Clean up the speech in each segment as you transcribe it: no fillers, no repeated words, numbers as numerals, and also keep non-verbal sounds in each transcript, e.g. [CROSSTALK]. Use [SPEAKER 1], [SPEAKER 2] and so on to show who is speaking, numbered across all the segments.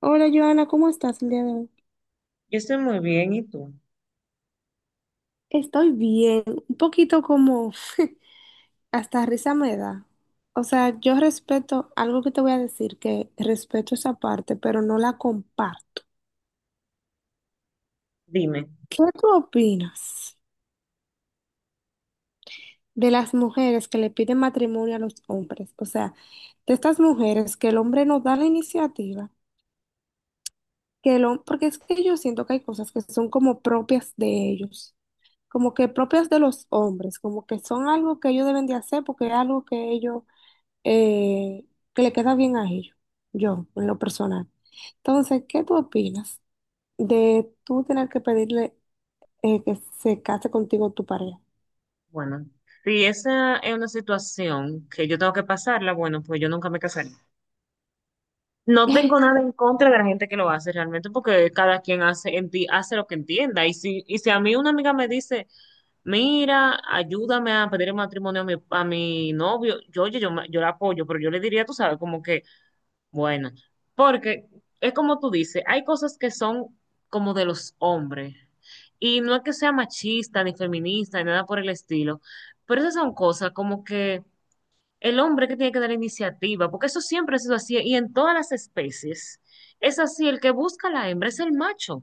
[SPEAKER 1] Hola Joana, ¿cómo estás el día de hoy?
[SPEAKER 2] Yo estoy muy bien, ¿y tú?
[SPEAKER 1] Estoy bien, un poquito como [LAUGHS] hasta risa me da. O sea, yo respeto algo que te voy a decir, que respeto esa parte, pero no la comparto.
[SPEAKER 2] Dime.
[SPEAKER 1] ¿Qué tú opinas de las mujeres que le piden matrimonio a los hombres? O sea, de estas mujeres que el hombre no da la iniciativa, porque es que yo siento que hay cosas que son como propias de ellos, como que propias de los hombres, como que son algo que ellos deben de hacer porque es algo que ellos, eh, que le queda bien a ellos, yo, en lo personal. Entonces, ¿qué tú opinas de tú tener que pedirle que se case contigo tu pareja?
[SPEAKER 2] Bueno, si esa es una situación que yo tengo que pasarla, bueno, pues yo nunca me casaré. No tengo nada en contra de la gente que lo hace realmente, porque cada quien hace, hace lo que entienda. Y si a mí una amiga me dice, mira, ayúdame a pedir el matrimonio a mi novio, yo, oye, yo la apoyo, pero yo le diría, tú sabes, como que bueno, porque es como tú dices, hay cosas que son como de los hombres. Y no es que sea machista ni feminista ni nada por el estilo, pero esas son cosas como que el hombre que tiene que dar la iniciativa, porque eso siempre ha sido así y en todas las especies es así, el que busca a la hembra es el macho.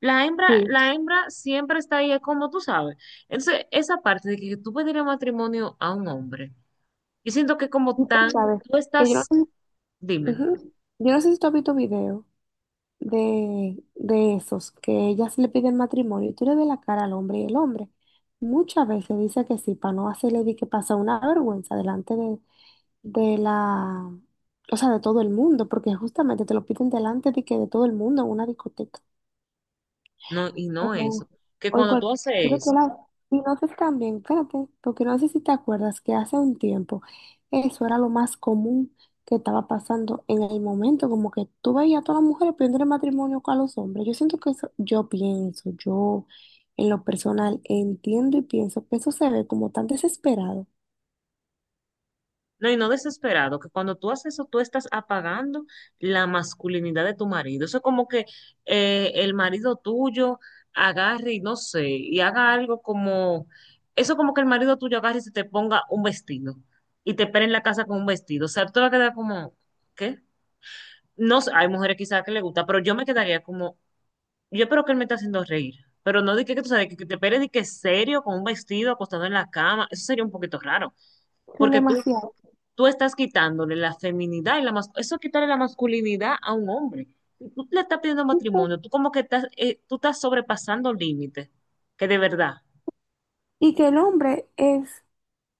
[SPEAKER 2] La hembra,
[SPEAKER 1] Sí,
[SPEAKER 2] la hembra siempre está ahí, es como tú sabes. Entonces, esa parte de que tú pedirle matrimonio a un hombre, yo siento que
[SPEAKER 1] y
[SPEAKER 2] como tan,
[SPEAKER 1] tú sabes
[SPEAKER 2] tú
[SPEAKER 1] que yo
[SPEAKER 2] estás,
[SPEAKER 1] no.
[SPEAKER 2] dime.
[SPEAKER 1] Ujú. Yo no sé si tú has visto videos de esos que ellas le piden matrimonio y tú le ves la cara al hombre y el hombre muchas veces dice que sí para no hacerle di que pasa una vergüenza delante de la, o sea, de todo el mundo, porque justamente te lo piden delante de que de todo el mundo en una discoteca
[SPEAKER 2] No, y no eso,
[SPEAKER 1] o,
[SPEAKER 2] que
[SPEAKER 1] o en
[SPEAKER 2] cuando tú
[SPEAKER 1] cualquier otro
[SPEAKER 2] haces eso,
[SPEAKER 1] lado. Y no sé si también, espérate, porque no sé si te acuerdas que hace un tiempo eso era lo más común que estaba pasando en el momento, como que tú veías a todas las mujeres pidiendo matrimonio con los hombres. Yo siento que eso, yo pienso, yo en lo personal entiendo y pienso que eso se ve como tan desesperado,
[SPEAKER 2] no, y no desesperado, que cuando tú haces eso, tú estás apagando la masculinidad de tu marido. Eso es como que el marido tuyo agarre y no sé, y haga algo como, eso como que el marido tuyo agarre y se te ponga un vestido y te espere en la casa con un vestido. O sea, tú te vas a quedar como, ¿qué? No sé, hay mujeres quizás que le gusta, pero yo me quedaría como, yo espero que él me esté haciendo reír, pero no de que tú sabes, que te esperes de que serio, con un vestido acostado en la cama, eso sería un poquito raro,
[SPEAKER 1] son
[SPEAKER 2] porque tú,
[SPEAKER 1] demasiado.
[SPEAKER 2] tú estás quitándole la feminidad y la eso es quitarle la masculinidad a un hombre. Y tú le estás pidiendo
[SPEAKER 1] Y que
[SPEAKER 2] matrimonio, tú como que estás, tú estás sobrepasando límites, que de verdad,
[SPEAKER 1] y que el hombre es.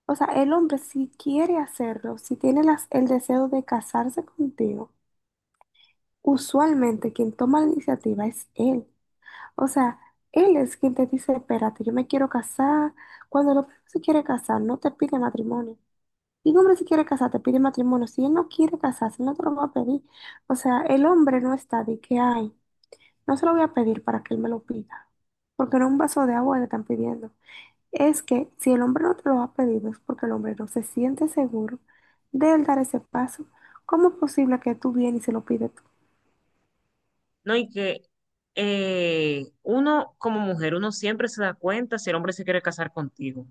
[SPEAKER 1] O sea, el hombre si quiere hacerlo, si tiene el deseo de casarse contigo, usualmente quien toma la iniciativa es él. O sea, él es quien te dice, espérate, yo me quiero casar. Cuando el hombre se quiere casar, no te pide matrimonio. Y un hombre si quiere casar, te pide matrimonio. Si él no quiere casarse, no te lo va a pedir. O sea, el hombre no está de que hay. No se lo voy a pedir para que él me lo pida. Porque no un vaso de agua le están pidiendo, es que si el hombre no te lo ha pedido es porque el hombre no se siente seguro de él dar ese paso. ¿Cómo es posible que tú vienes y se lo pides tú?
[SPEAKER 2] ¿no? Y que uno como mujer, uno siempre se da cuenta si el hombre se quiere casar contigo,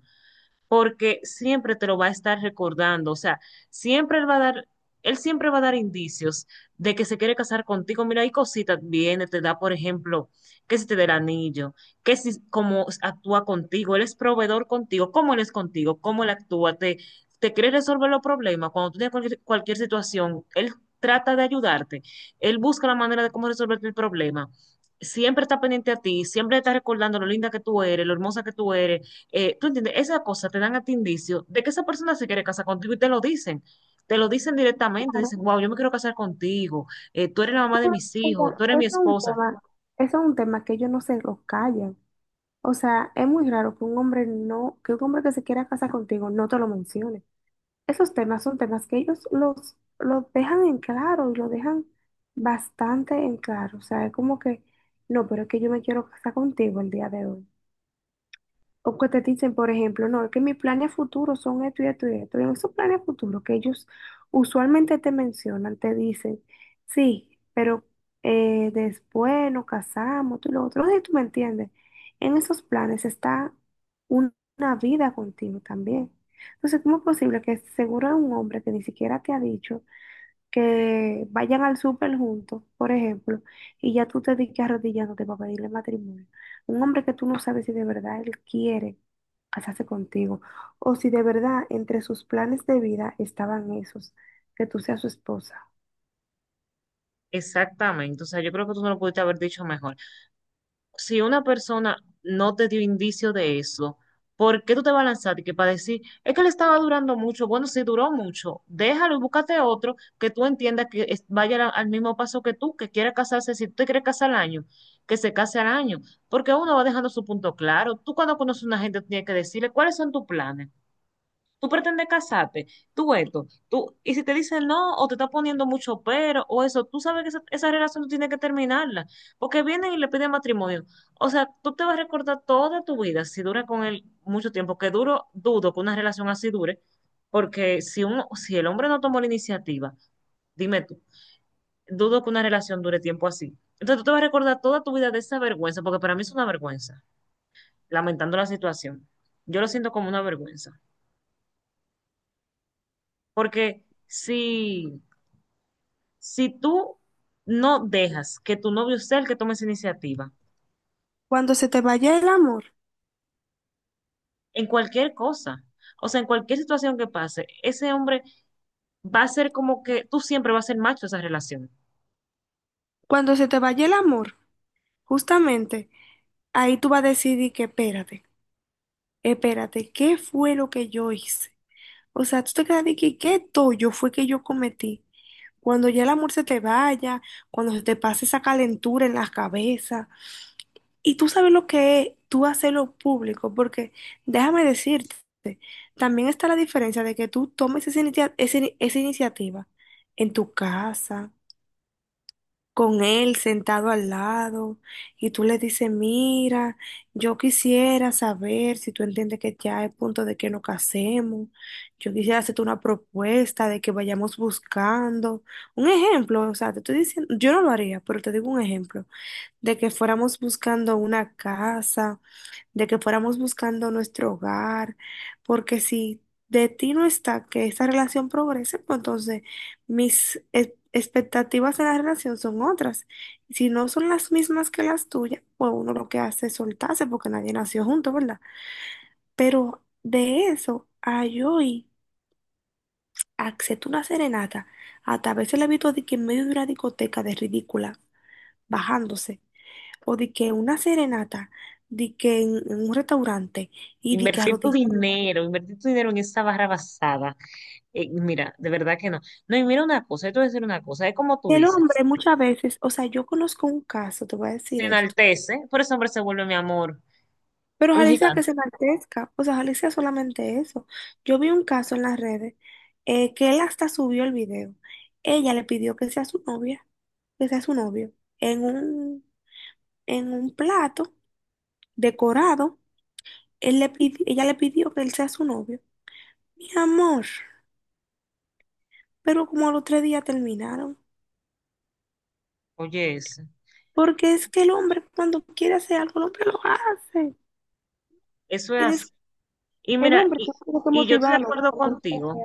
[SPEAKER 2] porque siempre te lo va a estar recordando, o sea, siempre él va a dar, él siempre va a dar indicios de que se quiere casar contigo. Mira, hay cositas, viene, te da, por ejemplo, que si te da el anillo, que si cómo actúa contigo, él es proveedor contigo, cómo él es contigo, cómo él actúa, te quiere resolver los problemas, cuando tú tienes cualquier situación, él trata de ayudarte, él busca la manera de cómo resolverte el problema. Siempre está pendiente a ti, siempre está recordando lo linda que tú eres, lo hermosa que tú eres. ¿Tú entiendes? Esa cosa te dan a ti indicio de que esa persona se quiere casar contigo y te lo dicen. Te lo dicen directamente,
[SPEAKER 1] Claro,
[SPEAKER 2] dicen, wow, yo me quiero casar contigo, tú eres la mamá de
[SPEAKER 1] pero
[SPEAKER 2] mis hijos, tú eres mi
[SPEAKER 1] eso es un
[SPEAKER 2] esposa.
[SPEAKER 1] tema, eso es un tema que ellos no se lo callan. O sea, es muy raro que un hombre no, que un hombre que se quiera casar contigo no te lo mencione. Esos temas son temas que ellos los dejan en claro y lo dejan bastante en claro. O sea, es como que, no, pero es que yo me quiero casar contigo el día de hoy. O que te dicen, por ejemplo, no, es que mis planes futuros son esto y esto y esto. Y en esos planes futuros que ellos usualmente te mencionan, te dicen, sí, pero después nos casamos, tú y lo otro. No sé si tú me entiendes. En esos planes está una vida contigo también. Entonces, ¿cómo es posible que seguro es un hombre que ni siquiera te ha dicho que vayan al súper juntos, por ejemplo, y ya tú te digas arrodillándote para pedirle matrimonio? Un hombre que tú no sabes si de verdad él quiere hacerse contigo, o si de verdad entre sus planes de vida estaban esos, que tú seas su esposa.
[SPEAKER 2] Exactamente, o sea, yo creo que tú no lo pudiste haber dicho mejor. Si una persona no te dio indicio de eso, ¿por qué tú te vas a lanzar? Y que para decir, es que le estaba durando mucho, bueno, si duró mucho, déjalo y búscate otro que tú entiendas que vaya al mismo paso que tú, que quiera casarse, si tú te quieres casar al año, que se case al año, porque uno va dejando su punto claro. Tú cuando conoces a una gente tú tienes que decirle, ¿cuáles son tus planes? Tú pretendes casarte, tú esto, tú, y si te dicen no, o te está poniendo mucho pero, o eso, tú sabes que esa relación tú tienes que terminarla, porque vienen y le piden matrimonio. O sea, tú te vas a recordar toda tu vida, si dura con él mucho tiempo, que duro, dudo que una relación así dure, porque si el hombre no tomó la iniciativa, dime tú, dudo que una relación dure tiempo así. Entonces tú te vas a recordar toda tu vida de esa vergüenza, porque para mí es una vergüenza, lamentando la situación. Yo lo siento como una vergüenza, porque si tú no dejas que tu novio sea el que tome esa iniciativa,
[SPEAKER 1] Cuando se te vaya el amor,
[SPEAKER 2] en cualquier cosa, o sea, en cualquier situación que pase, ese hombre va a ser como que tú siempre vas a ser macho de esa relación.
[SPEAKER 1] cuando se te vaya el amor, justamente ahí tú vas a decidir que espérate, espérate, ¿qué fue lo que yo hice? O sea, tú te quedas de que qué yo fue que yo cometí. Cuando ya el amor se te vaya, cuando se te pase esa calentura en la cabeza, y tú sabes lo que es tú hacerlo público, porque déjame decirte, también está la diferencia de que tú tomes esa, esa iniciativa en tu casa, con él sentado al lado, y tú le dices, mira, yo quisiera saber si tú entiendes que ya es punto de que nos casemos, yo quisiera hacerte una propuesta de que vayamos buscando. Un ejemplo, o sea, te estoy diciendo, yo no lo haría, pero te digo un ejemplo, de que fuéramos buscando una casa, de que fuéramos buscando nuestro hogar, porque si de ti no está que esa relación progrese, pues entonces mis expectativas de la relación son otras. Y si no son las mismas que las tuyas, pues uno lo que hace es soltarse porque nadie nació junto, ¿verdad? Pero de eso a yo ir a hacerte una serenata, hasta a veces la he visto de que en medio de una discoteca de ridícula, bajándose, o de que una serenata, de que en un restaurante y de que arrodillada.
[SPEAKER 2] Invertir tu dinero en esa barra basada. Mira, de verdad que no. No, y mira una cosa, yo te voy a decir una cosa, es como tú
[SPEAKER 1] El
[SPEAKER 2] dices,
[SPEAKER 1] hombre muchas veces, o sea, yo conozco un caso, te voy a decir
[SPEAKER 2] se
[SPEAKER 1] esto,
[SPEAKER 2] enaltece, por ese hombre se vuelve mi amor,
[SPEAKER 1] pero
[SPEAKER 2] un
[SPEAKER 1] ojalá y sea que se
[SPEAKER 2] gigante.
[SPEAKER 1] enaltezca, o sea, ojalá y sea solamente eso. Yo vi un caso en las redes, que él hasta subió el video. Ella le pidió que sea su novia, que sea su novio, en un, en un, plato decorado, Ella le pidió que él sea su novio. Mi amor, pero como a los 3 días terminaron,
[SPEAKER 2] Oye, ese,
[SPEAKER 1] porque es que el hombre cuando quiere hacer algo, el hombre lo hace.
[SPEAKER 2] eso es así. Y
[SPEAKER 1] El
[SPEAKER 2] mira,
[SPEAKER 1] hombre
[SPEAKER 2] y,
[SPEAKER 1] tiene que
[SPEAKER 2] y yo estoy de
[SPEAKER 1] motivarlo
[SPEAKER 2] acuerdo contigo.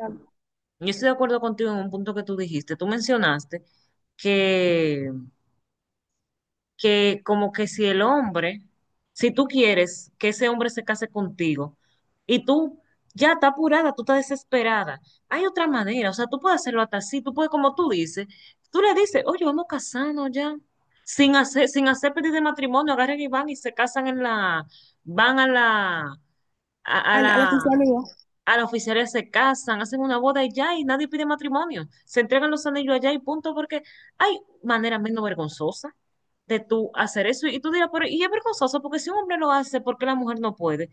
[SPEAKER 2] Yo estoy de acuerdo contigo en un punto que tú dijiste. Tú mencionaste que, que como que si el hombre, si tú quieres que ese hombre se case contigo y tú ya estás apurada, tú estás desesperada, hay otra manera, o sea, tú puedes hacerlo hasta así, tú puedes, como tú dices, tú le dices, oye, vamos a casarnos ya, sin hacer pedir de matrimonio, agarran y van y se casan en la, van a a
[SPEAKER 1] a la
[SPEAKER 2] la
[SPEAKER 1] oficialidad.
[SPEAKER 2] a los oficiales se casan, hacen una boda y ya, y nadie pide matrimonio. Se entregan los anillos allá y punto, porque hay manera menos vergonzosa de tú hacer eso. Y tú dirás, pero y es vergonzoso, porque si un hombre lo hace, ¿por qué la mujer no puede?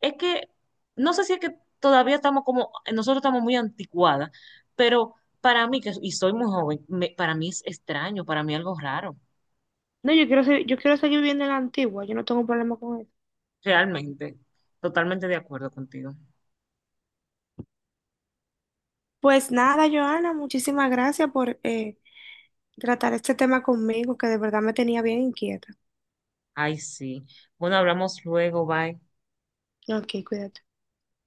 [SPEAKER 2] Es que, no sé si es que todavía estamos como, nosotros estamos muy anticuadas, pero para mí, que, y soy muy joven, para mí es extraño, para mí algo raro,
[SPEAKER 1] No, yo quiero seguir viviendo en la antigua, yo no tengo problema con eso.
[SPEAKER 2] realmente. Totalmente de acuerdo contigo.
[SPEAKER 1] Pues nada, Joana, muchísimas gracias por tratar este tema conmigo, que de verdad me tenía bien inquieta.
[SPEAKER 2] Ay, sí. Bueno, hablamos luego, bye.
[SPEAKER 1] Ok, cuídate.